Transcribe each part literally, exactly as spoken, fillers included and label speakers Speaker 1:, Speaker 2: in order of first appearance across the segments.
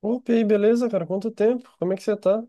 Speaker 1: Opa, e aí, beleza, cara? Quanto tempo? Como é que você tá?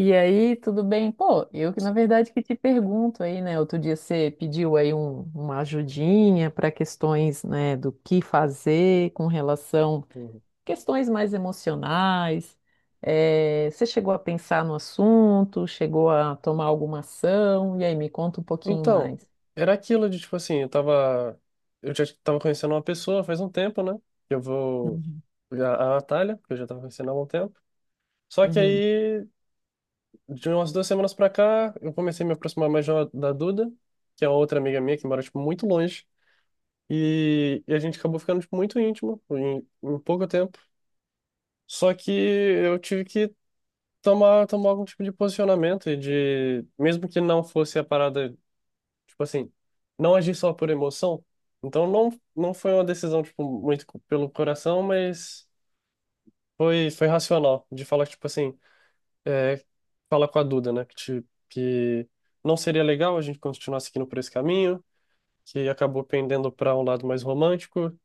Speaker 2: E aí, tudo bem? Pô, eu que na verdade que te pergunto aí, né? Outro dia você pediu aí um- uma ajudinha para questões, né, do que fazer com relação
Speaker 1: Uhum.
Speaker 2: questões mais emocionais. Eh, você chegou a pensar no assunto, chegou a tomar alguma ação? E aí, me conta um pouquinho
Speaker 1: Então,
Speaker 2: mais.
Speaker 1: era aquilo de, tipo assim, eu tava... Eu já tava conhecendo uma pessoa faz um tempo, né? Eu vou...
Speaker 2: Uhum.
Speaker 1: A, a Natália, que eu já tava conhecendo há algum tempo. Só que
Speaker 2: Uhum.
Speaker 1: aí, de umas duas semanas pra cá, eu comecei a me aproximar mais de uma- da Duda, que é outra amiga minha que mora, tipo, muito longe. E, e a gente acabou ficando, tipo, muito íntimo em, em pouco tempo. Só que eu tive que tomar, tomar algum tipo de posicionamento e de... Mesmo que não fosse a parada. Tipo assim, não agir só por emoção. Então não, não foi uma decisão, tipo, muito co- pelo coração, mas foi, foi racional. De falar, tipo assim, é, fala com a Duda, né? Que, te- que não seria legal a gente continuar seguindo por esse caminho, que acabou pendendo para um lado mais romântico.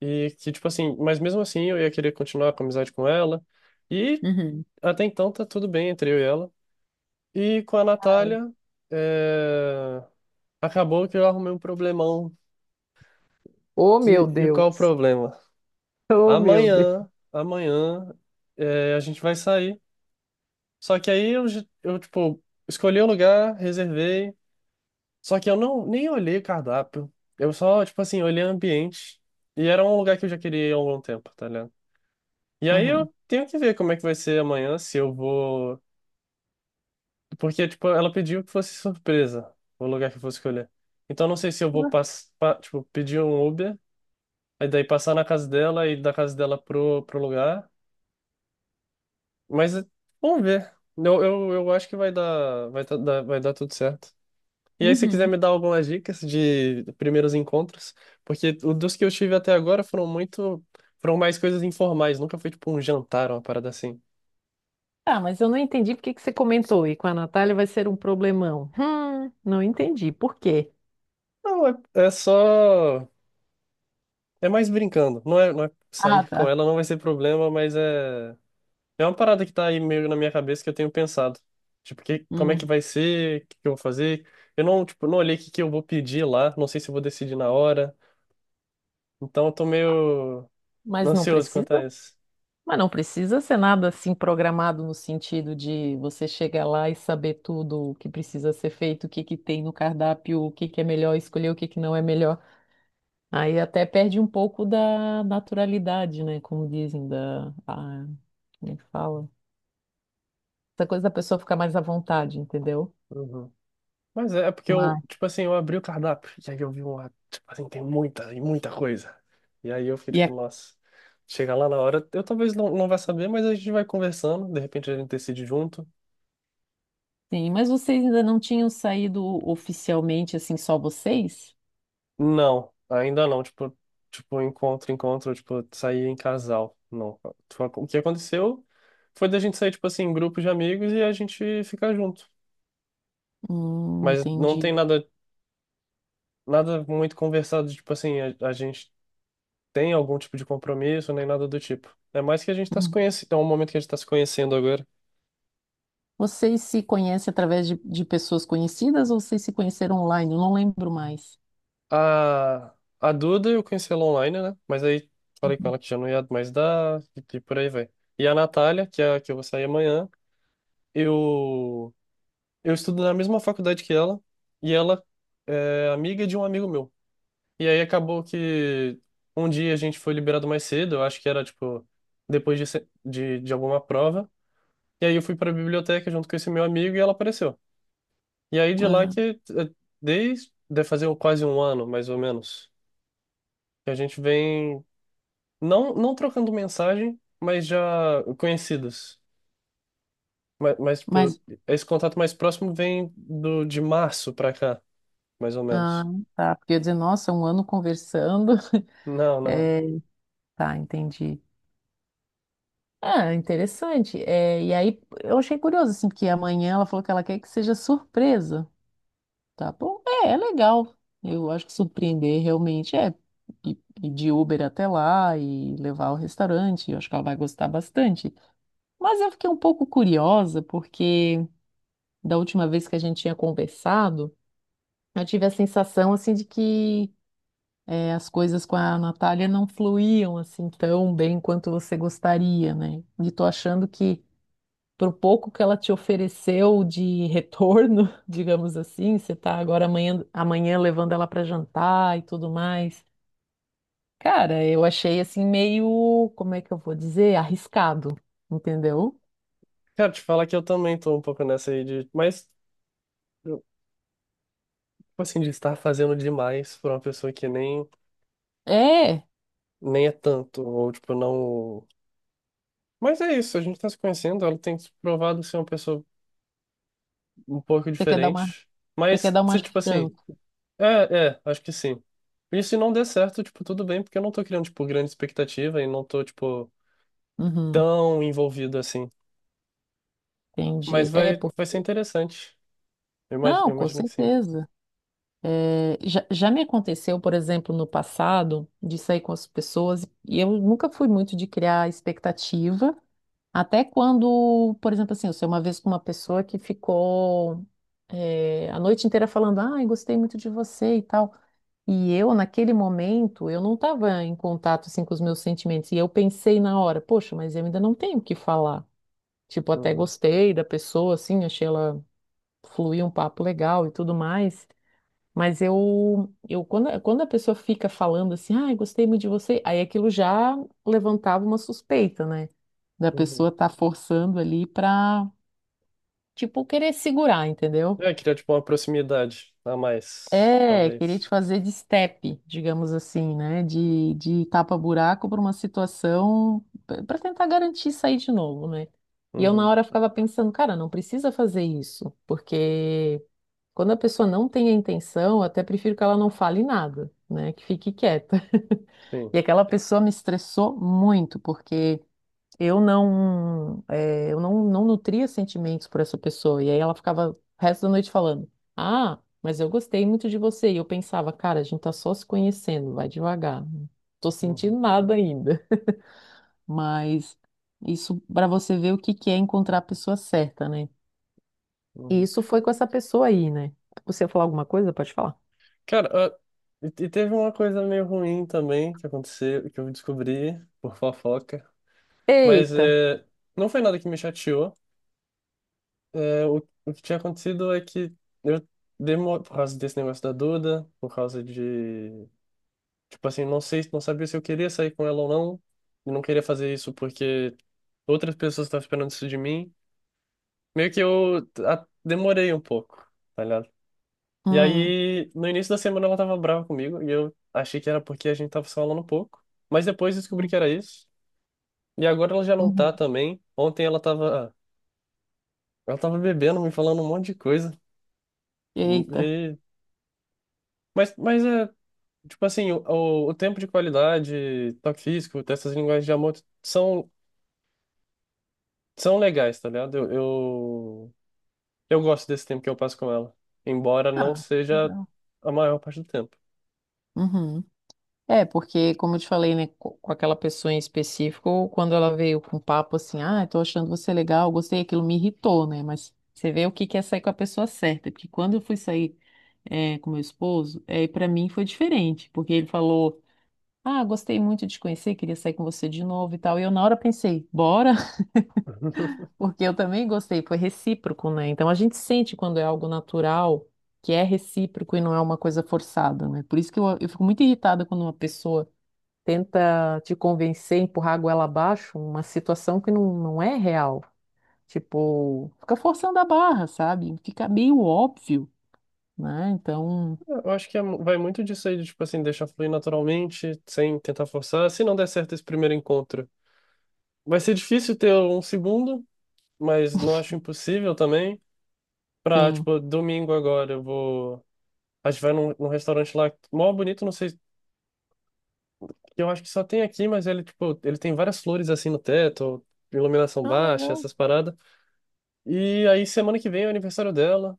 Speaker 1: E que, tipo assim, mas mesmo assim eu ia querer continuar com a amizade com ela. E
Speaker 2: Uhum.
Speaker 1: até então tá tudo bem entre eu e ela. E com a
Speaker 2: Ah, le-
Speaker 1: Natália, é, acabou que eu arrumei um problemão.
Speaker 2: Oh, meu
Speaker 1: De- E qual o
Speaker 2: Deus!
Speaker 1: problema?
Speaker 2: Oh, meu Deus!
Speaker 1: Amanhã, amanhã, é, a gente vai sair. Só que aí eu, j- eu, tipo, escolhi o lugar, reservei. Só que eu não nem olhei o cardápio. Eu só, tipo assim, olhei o ambiente. E era um lugar que eu já queria ir há algum tempo, tá ligado? E aí
Speaker 2: Uhum.
Speaker 1: eu tenho que ver como é que vai ser amanhã, se eu vou. Porque, tipo, ela pediu que fosse surpresa o lugar que eu vou escolher. Então eu não sei se eu vou
Speaker 2: Ué.
Speaker 1: pass... pa- tipo, pedir um Uber, aí daí passar na casa dela e da casa dela pro, pro lugar. Mas eh, vamos ver. Eu, eu, eu acho que vai dar, vai tá- dar, vai dar tudo certo. E aí, se quiser
Speaker 2: Uhum.
Speaker 1: me dar algumas dicas de primeiros encontros, porque o dos que eu tive até agora foram muito, foram mais coisas informais, nunca foi tipo um jantar, uma parada assim.
Speaker 2: Ah, mas eu não entendi por que que você comentou. E com a Natália vai ser um problemão. Hum, não entendi. Por quê?
Speaker 1: Não, é, é só, é mais brincando. Não é, não é
Speaker 2: Ah,
Speaker 1: sair com
Speaker 2: tá.
Speaker 1: ela, não vai ser problema, mas é, é uma parada que tá aí meio na minha cabeça que eu tenho pensado. Tipo, que, como é que
Speaker 2: Hum,
Speaker 1: vai ser, o que que eu vou fazer. Eu não, tipo, não olhei o que que eu vou pedir lá, não sei se eu vou decidir na hora. Então eu tô meio
Speaker 2: mas não
Speaker 1: ansioso quanto a
Speaker 2: precisa?
Speaker 1: isso.
Speaker 2: Mas não precisa ser nada assim programado no sentido de você chegar lá e saber tudo o que precisa ser feito, o que que tem no cardápio, o que que é melhor escolher, o que que não é melhor. Aí até perde um pouco da naturalidade, né? Como dizem, da... a- como é que fala? Essa coisa da pessoa ficar mais à vontade, entendeu?
Speaker 1: Uhum. Mas é porque
Speaker 2: Mas,
Speaker 1: eu, tipo assim, eu abri o cardápio e aí eu vi uma, tipo assim, tem muita e muita coisa. E aí eu fiquei tipo,
Speaker 2: E
Speaker 1: nossa, chega lá na hora, eu talvez não, não vá saber, mas a gente vai conversando, de repente a gente decide junto.
Speaker 2: Sim, mas vocês ainda não tinham saído oficialmente, assim, só vocês?
Speaker 1: Não, ainda não, tipo, tipo encontro, encontro, tipo, sair em casal. Não. Tipo, o que aconteceu foi da gente sair, tipo assim, em grupo de amigos e a gente ficar junto.
Speaker 2: Hum,
Speaker 1: Mas não tem
Speaker 2: entendi.
Speaker 1: nada, nada muito conversado, tipo assim, a, a gente tem algum tipo de compromisso, nem nada do tipo. É mais que a gente tá se
Speaker 2: Uhum.
Speaker 1: conhecendo, é um momento que a gente tá se conhecendo agora.
Speaker 2: Vocês se conhecem através de, de pessoas conhecidas ou vocês se conheceram online? Eu não lembro mais.
Speaker 1: A, a Duda eu conheci ela online, né? Mas aí falei com
Speaker 2: Uhum.
Speaker 1: ela que já não ia mais dar, e, e por aí vai. E a Natália, que é a que eu vou sair amanhã, eu, eu estudo na mesma faculdade que ela, e ela é amiga de um amigo meu. E aí acabou que um dia a gente foi liberado mais cedo, eu acho que era tipo depois de, se- de, de alguma prova. E aí eu fui pra biblioteca junto com esse meu amigo e ela apareceu. E aí de lá
Speaker 2: Ah,
Speaker 1: que eh, desde de fazer quase um ano, mais ou menos, que a gente vem não não trocando mensagem, mas já conhecidos. Mas, mas tipo,
Speaker 2: mas,
Speaker 1: esse contato mais próximo vem do de março pra cá, mais ou
Speaker 2: ah,
Speaker 1: menos.
Speaker 2: tá, porque eu ia dizer, nossa, um ano conversando.
Speaker 1: Não, não.
Speaker 2: É, tá, entendi. Ah, interessante. É, e aí, eu achei curioso, assim, porque amanhã ela falou que ela quer que seja surpresa. Tá bom? É, é legal. Eu acho que surpreender realmente é ir ir de Uber até lá e levar ao restaurante. Eu acho que ela vai gostar bastante. Mas eu fiquei um pouco curiosa porque da última vez que a gente tinha conversado, eu tive a sensação assim de que eh, as coisas com a Natália não fluíam assim tão bem quanto você gostaria, né? E tô achando que pro pouco que ela te ofereceu de retorno, digamos assim, você tá agora amanhã, amanhã levando ela para jantar e tudo mais. Cara, eu achei assim meio, como é que eu vou dizer, arriscado, entendeu?
Speaker 1: Cara, te falar que eu também tô um pouco nessa aí de, mas tipo assim, de estar fazendo demais pra uma pessoa que nem
Speaker 2: É,
Speaker 1: nem é tanto ou tipo não. Mas é isso, a gente tá se conhecendo, ela tem se provado ser uma pessoa um pouco
Speaker 2: você quer dar uma,
Speaker 1: diferente.
Speaker 2: você quer
Speaker 1: Mas
Speaker 2: dar uma
Speaker 1: se, tipo assim,
Speaker 2: chance.
Speaker 1: é, é, acho que sim. E se não der certo, tipo, tudo bem, porque eu não tô criando, tipo, grande expectativa e não tô, tipo,
Speaker 2: Uhum,
Speaker 1: tão envolvido assim. Mas
Speaker 2: entendi. É,
Speaker 1: vai,
Speaker 2: por...
Speaker 1: vai ser interessante. Eu imagino,
Speaker 2: Não,
Speaker 1: eu
Speaker 2: com
Speaker 1: imagino que sim.
Speaker 2: certeza. É, já, já me aconteceu, por exemplo, no passado, de sair com as pessoas, e eu nunca fui muito de criar expectativa. Até quando, por exemplo, assim, eu sei uma vez com uma pessoa que ficou eh, a noite inteira falando, ai, gostei muito de você e tal. E eu, naquele momento, eu não estava em contato, assim, com os meus sentimentos. E eu pensei na hora, poxa, mas eu ainda não tenho o que falar. Tipo, até
Speaker 1: Uhum.
Speaker 2: gostei da pessoa, assim, achei ela fluir um papo legal e tudo mais. Mas eu, eu quando, quando a pessoa fica falando assim, ai, gostei muito de você, aí aquilo já levantava uma suspeita, né? Da
Speaker 1: Uhum.
Speaker 2: pessoa tá forçando ali pra, tipo, querer segurar, entendeu?
Speaker 1: É, criar, tipo, uma proximidade a mais,
Speaker 2: É, querer
Speaker 1: talvez.
Speaker 2: te fazer de step, digamos assim, né? De, de tapa-buraco para uma situação para tentar garantir sair de novo, né? E eu na
Speaker 1: Uhum.
Speaker 2: hora ficava pensando, cara, não precisa fazer isso, porque quando a pessoa não tem a intenção, eu até prefiro que ela não fale nada, né? Que fique quieta.
Speaker 1: Sim.
Speaker 2: E aquela pessoa me estressou muito, porque eu não, eh, eu não, não nutria sentimentos por essa pessoa. E aí ela ficava o resto da noite falando: Ah, mas eu gostei muito de você. E eu pensava, cara, a gente tá só se conhecendo, vai devagar. Não tô
Speaker 1: Uhum.
Speaker 2: sentindo nada ainda. Mas isso pra você ver o que que é encontrar a pessoa certa, né? E
Speaker 1: Uhum.
Speaker 2: isso foi com essa pessoa aí, né? Você ia falar alguma coisa? Pode falar.
Speaker 1: Cara, ah, e e teve uma coisa meio ruim também que aconteceu, que eu descobri por fofoca. Mas
Speaker 2: Eita!
Speaker 1: é, não foi nada que me chateou. É, o, o que tinha acontecido é que eu demorei, por causa desse negócio da Duda, por causa de, tipo assim, não sei, não sabia se eu queria sair com ela ou não, e não queria fazer isso porque outras pessoas estavam esperando isso de mim. Meio que eu a- demorei um pouco, tá ligado? E
Speaker 2: Hum.
Speaker 1: aí, no início da semana ela tava brava comigo, e eu achei que era porque a gente tava se falando um pouco, mas depois descobri
Speaker 2: Hum.
Speaker 1: que era isso. E agora ela já não tá
Speaker 2: Uhum.
Speaker 1: também. Ontem ela tava, ela tava bebendo, me falando um monte de coisa.
Speaker 2: Eita!
Speaker 1: Mas, mas é, tipo assim, o, o o tempo de qualidade, toque físico, dessas linguagens de amor são, são legais, tá ligado? Eu, eu, eu gosto desse tempo que eu passo com ela, embora não
Speaker 2: Ah,
Speaker 1: seja
Speaker 2: legal.
Speaker 1: a maior parte do tempo.
Speaker 2: Uhum. É, porque, como eu te falei, né, co- com aquela pessoa em específico, quando ela veio com papo assim, ah, tô achando você legal, gostei, aquilo me irritou, né? Mas você vê o que que é sair com a pessoa certa, porque quando eu fui sair é, com meu esposo, é, para mim foi diferente, porque ele falou, ah, gostei muito de te conhecer, queria sair com você de novo e tal. E eu na hora pensei, bora, porque eu também gostei, foi recíproco, né? Então a gente sente quando é algo natural, que é recíproco e não é uma coisa forçada, né? Por isso que eu eu fico muito irritada quando uma pessoa tenta te convencer, empurrar a goela abaixo, uma situação que não, não é real. Tipo, fica forçando a barra, sabe? Fica meio óbvio, né? Então,
Speaker 1: Eu acho que é mu- vai muito disso aí, de, tipo assim, deixar fluir naturalmente, sem tentar forçar. Se não der certo esse primeiro encontro, vai ser difícil ter um segundo, mas não acho impossível também. Pra,
Speaker 2: sim.
Speaker 1: tipo, domingo agora eu vou. A gente vai num, num restaurante lá, mó bonito, não sei, que eu acho que só tem aqui, mas ele, tipo, ele tem várias flores assim no teto, iluminação
Speaker 2: Ah,
Speaker 1: baixa,
Speaker 2: legal.
Speaker 1: essas paradas. E aí semana que vem é o aniversário dela,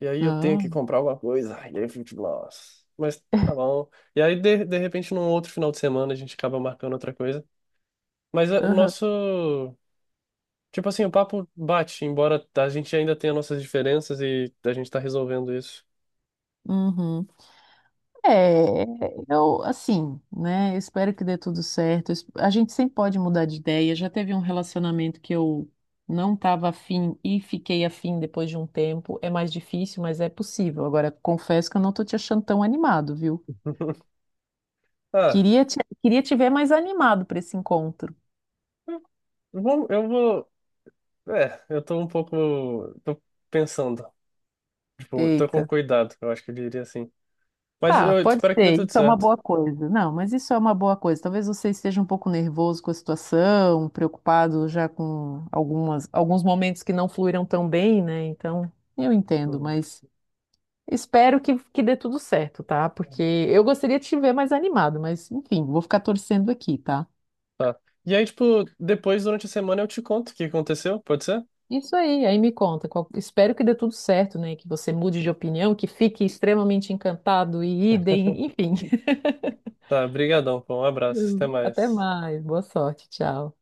Speaker 1: e aí eu tenho
Speaker 2: Ah,
Speaker 1: que comprar alguma coisa. Ai, e aí eu fico, tipo, nossa. Mas tá bom. E aí, de, de repente, num outro final de semana, a gente acaba marcando outra coisa. Mas é, o
Speaker 2: aham,
Speaker 1: nosso. Tipo assim, o papo bate, embora a gente ainda tenha nossas diferenças e a gente tá resolvendo isso.
Speaker 2: uhum. É, eu, assim, né? Eu espero que dê tudo certo. Eu es- A gente sempre pode mudar de ideia. Já teve um relacionamento que eu não estava afim e fiquei afim depois de um tempo. É mais difícil, mas é possível. Agora, confesso que eu não tô te achando tão animado, viu?
Speaker 1: Ah,
Speaker 2: Queria te, queria te ver mais animado para esse encontro.
Speaker 1: vamos, eu vou. É, eu tô um pouco. Tô pensando. Tipo, tô com
Speaker 2: Eita.
Speaker 1: cuidado, eu acho que eu diria assim. Mas
Speaker 2: Tá,
Speaker 1: eu
Speaker 2: pode
Speaker 1: espero que dê
Speaker 2: ser.
Speaker 1: tudo
Speaker 2: Isso é uma
Speaker 1: certo.
Speaker 2: boa coisa. Não, mas isso é uma boa coisa. Talvez você esteja um pouco nervoso com a situação, preocupado já com algumas, alguns momentos que não fluíram tão bem, né? Então, eu entendo,
Speaker 1: Uhum.
Speaker 2: mas espero que, que dê tudo certo, tá? Porque eu gostaria de te ver mais animado, mas enfim, vou ficar torcendo aqui, tá?
Speaker 1: Tá. E aí, tipo, depois, durante a semana, eu te conto o que aconteceu, pode ser?
Speaker 2: Isso aí, aí me conta. qual- Espero que dê tudo certo, né? Que você mude de opinião, que fique extremamente encantado e idem, enfim.
Speaker 1: Tá, brigadão, pô, um abraço, até
Speaker 2: Até
Speaker 1: mais.
Speaker 2: mais, boa sorte, tchau.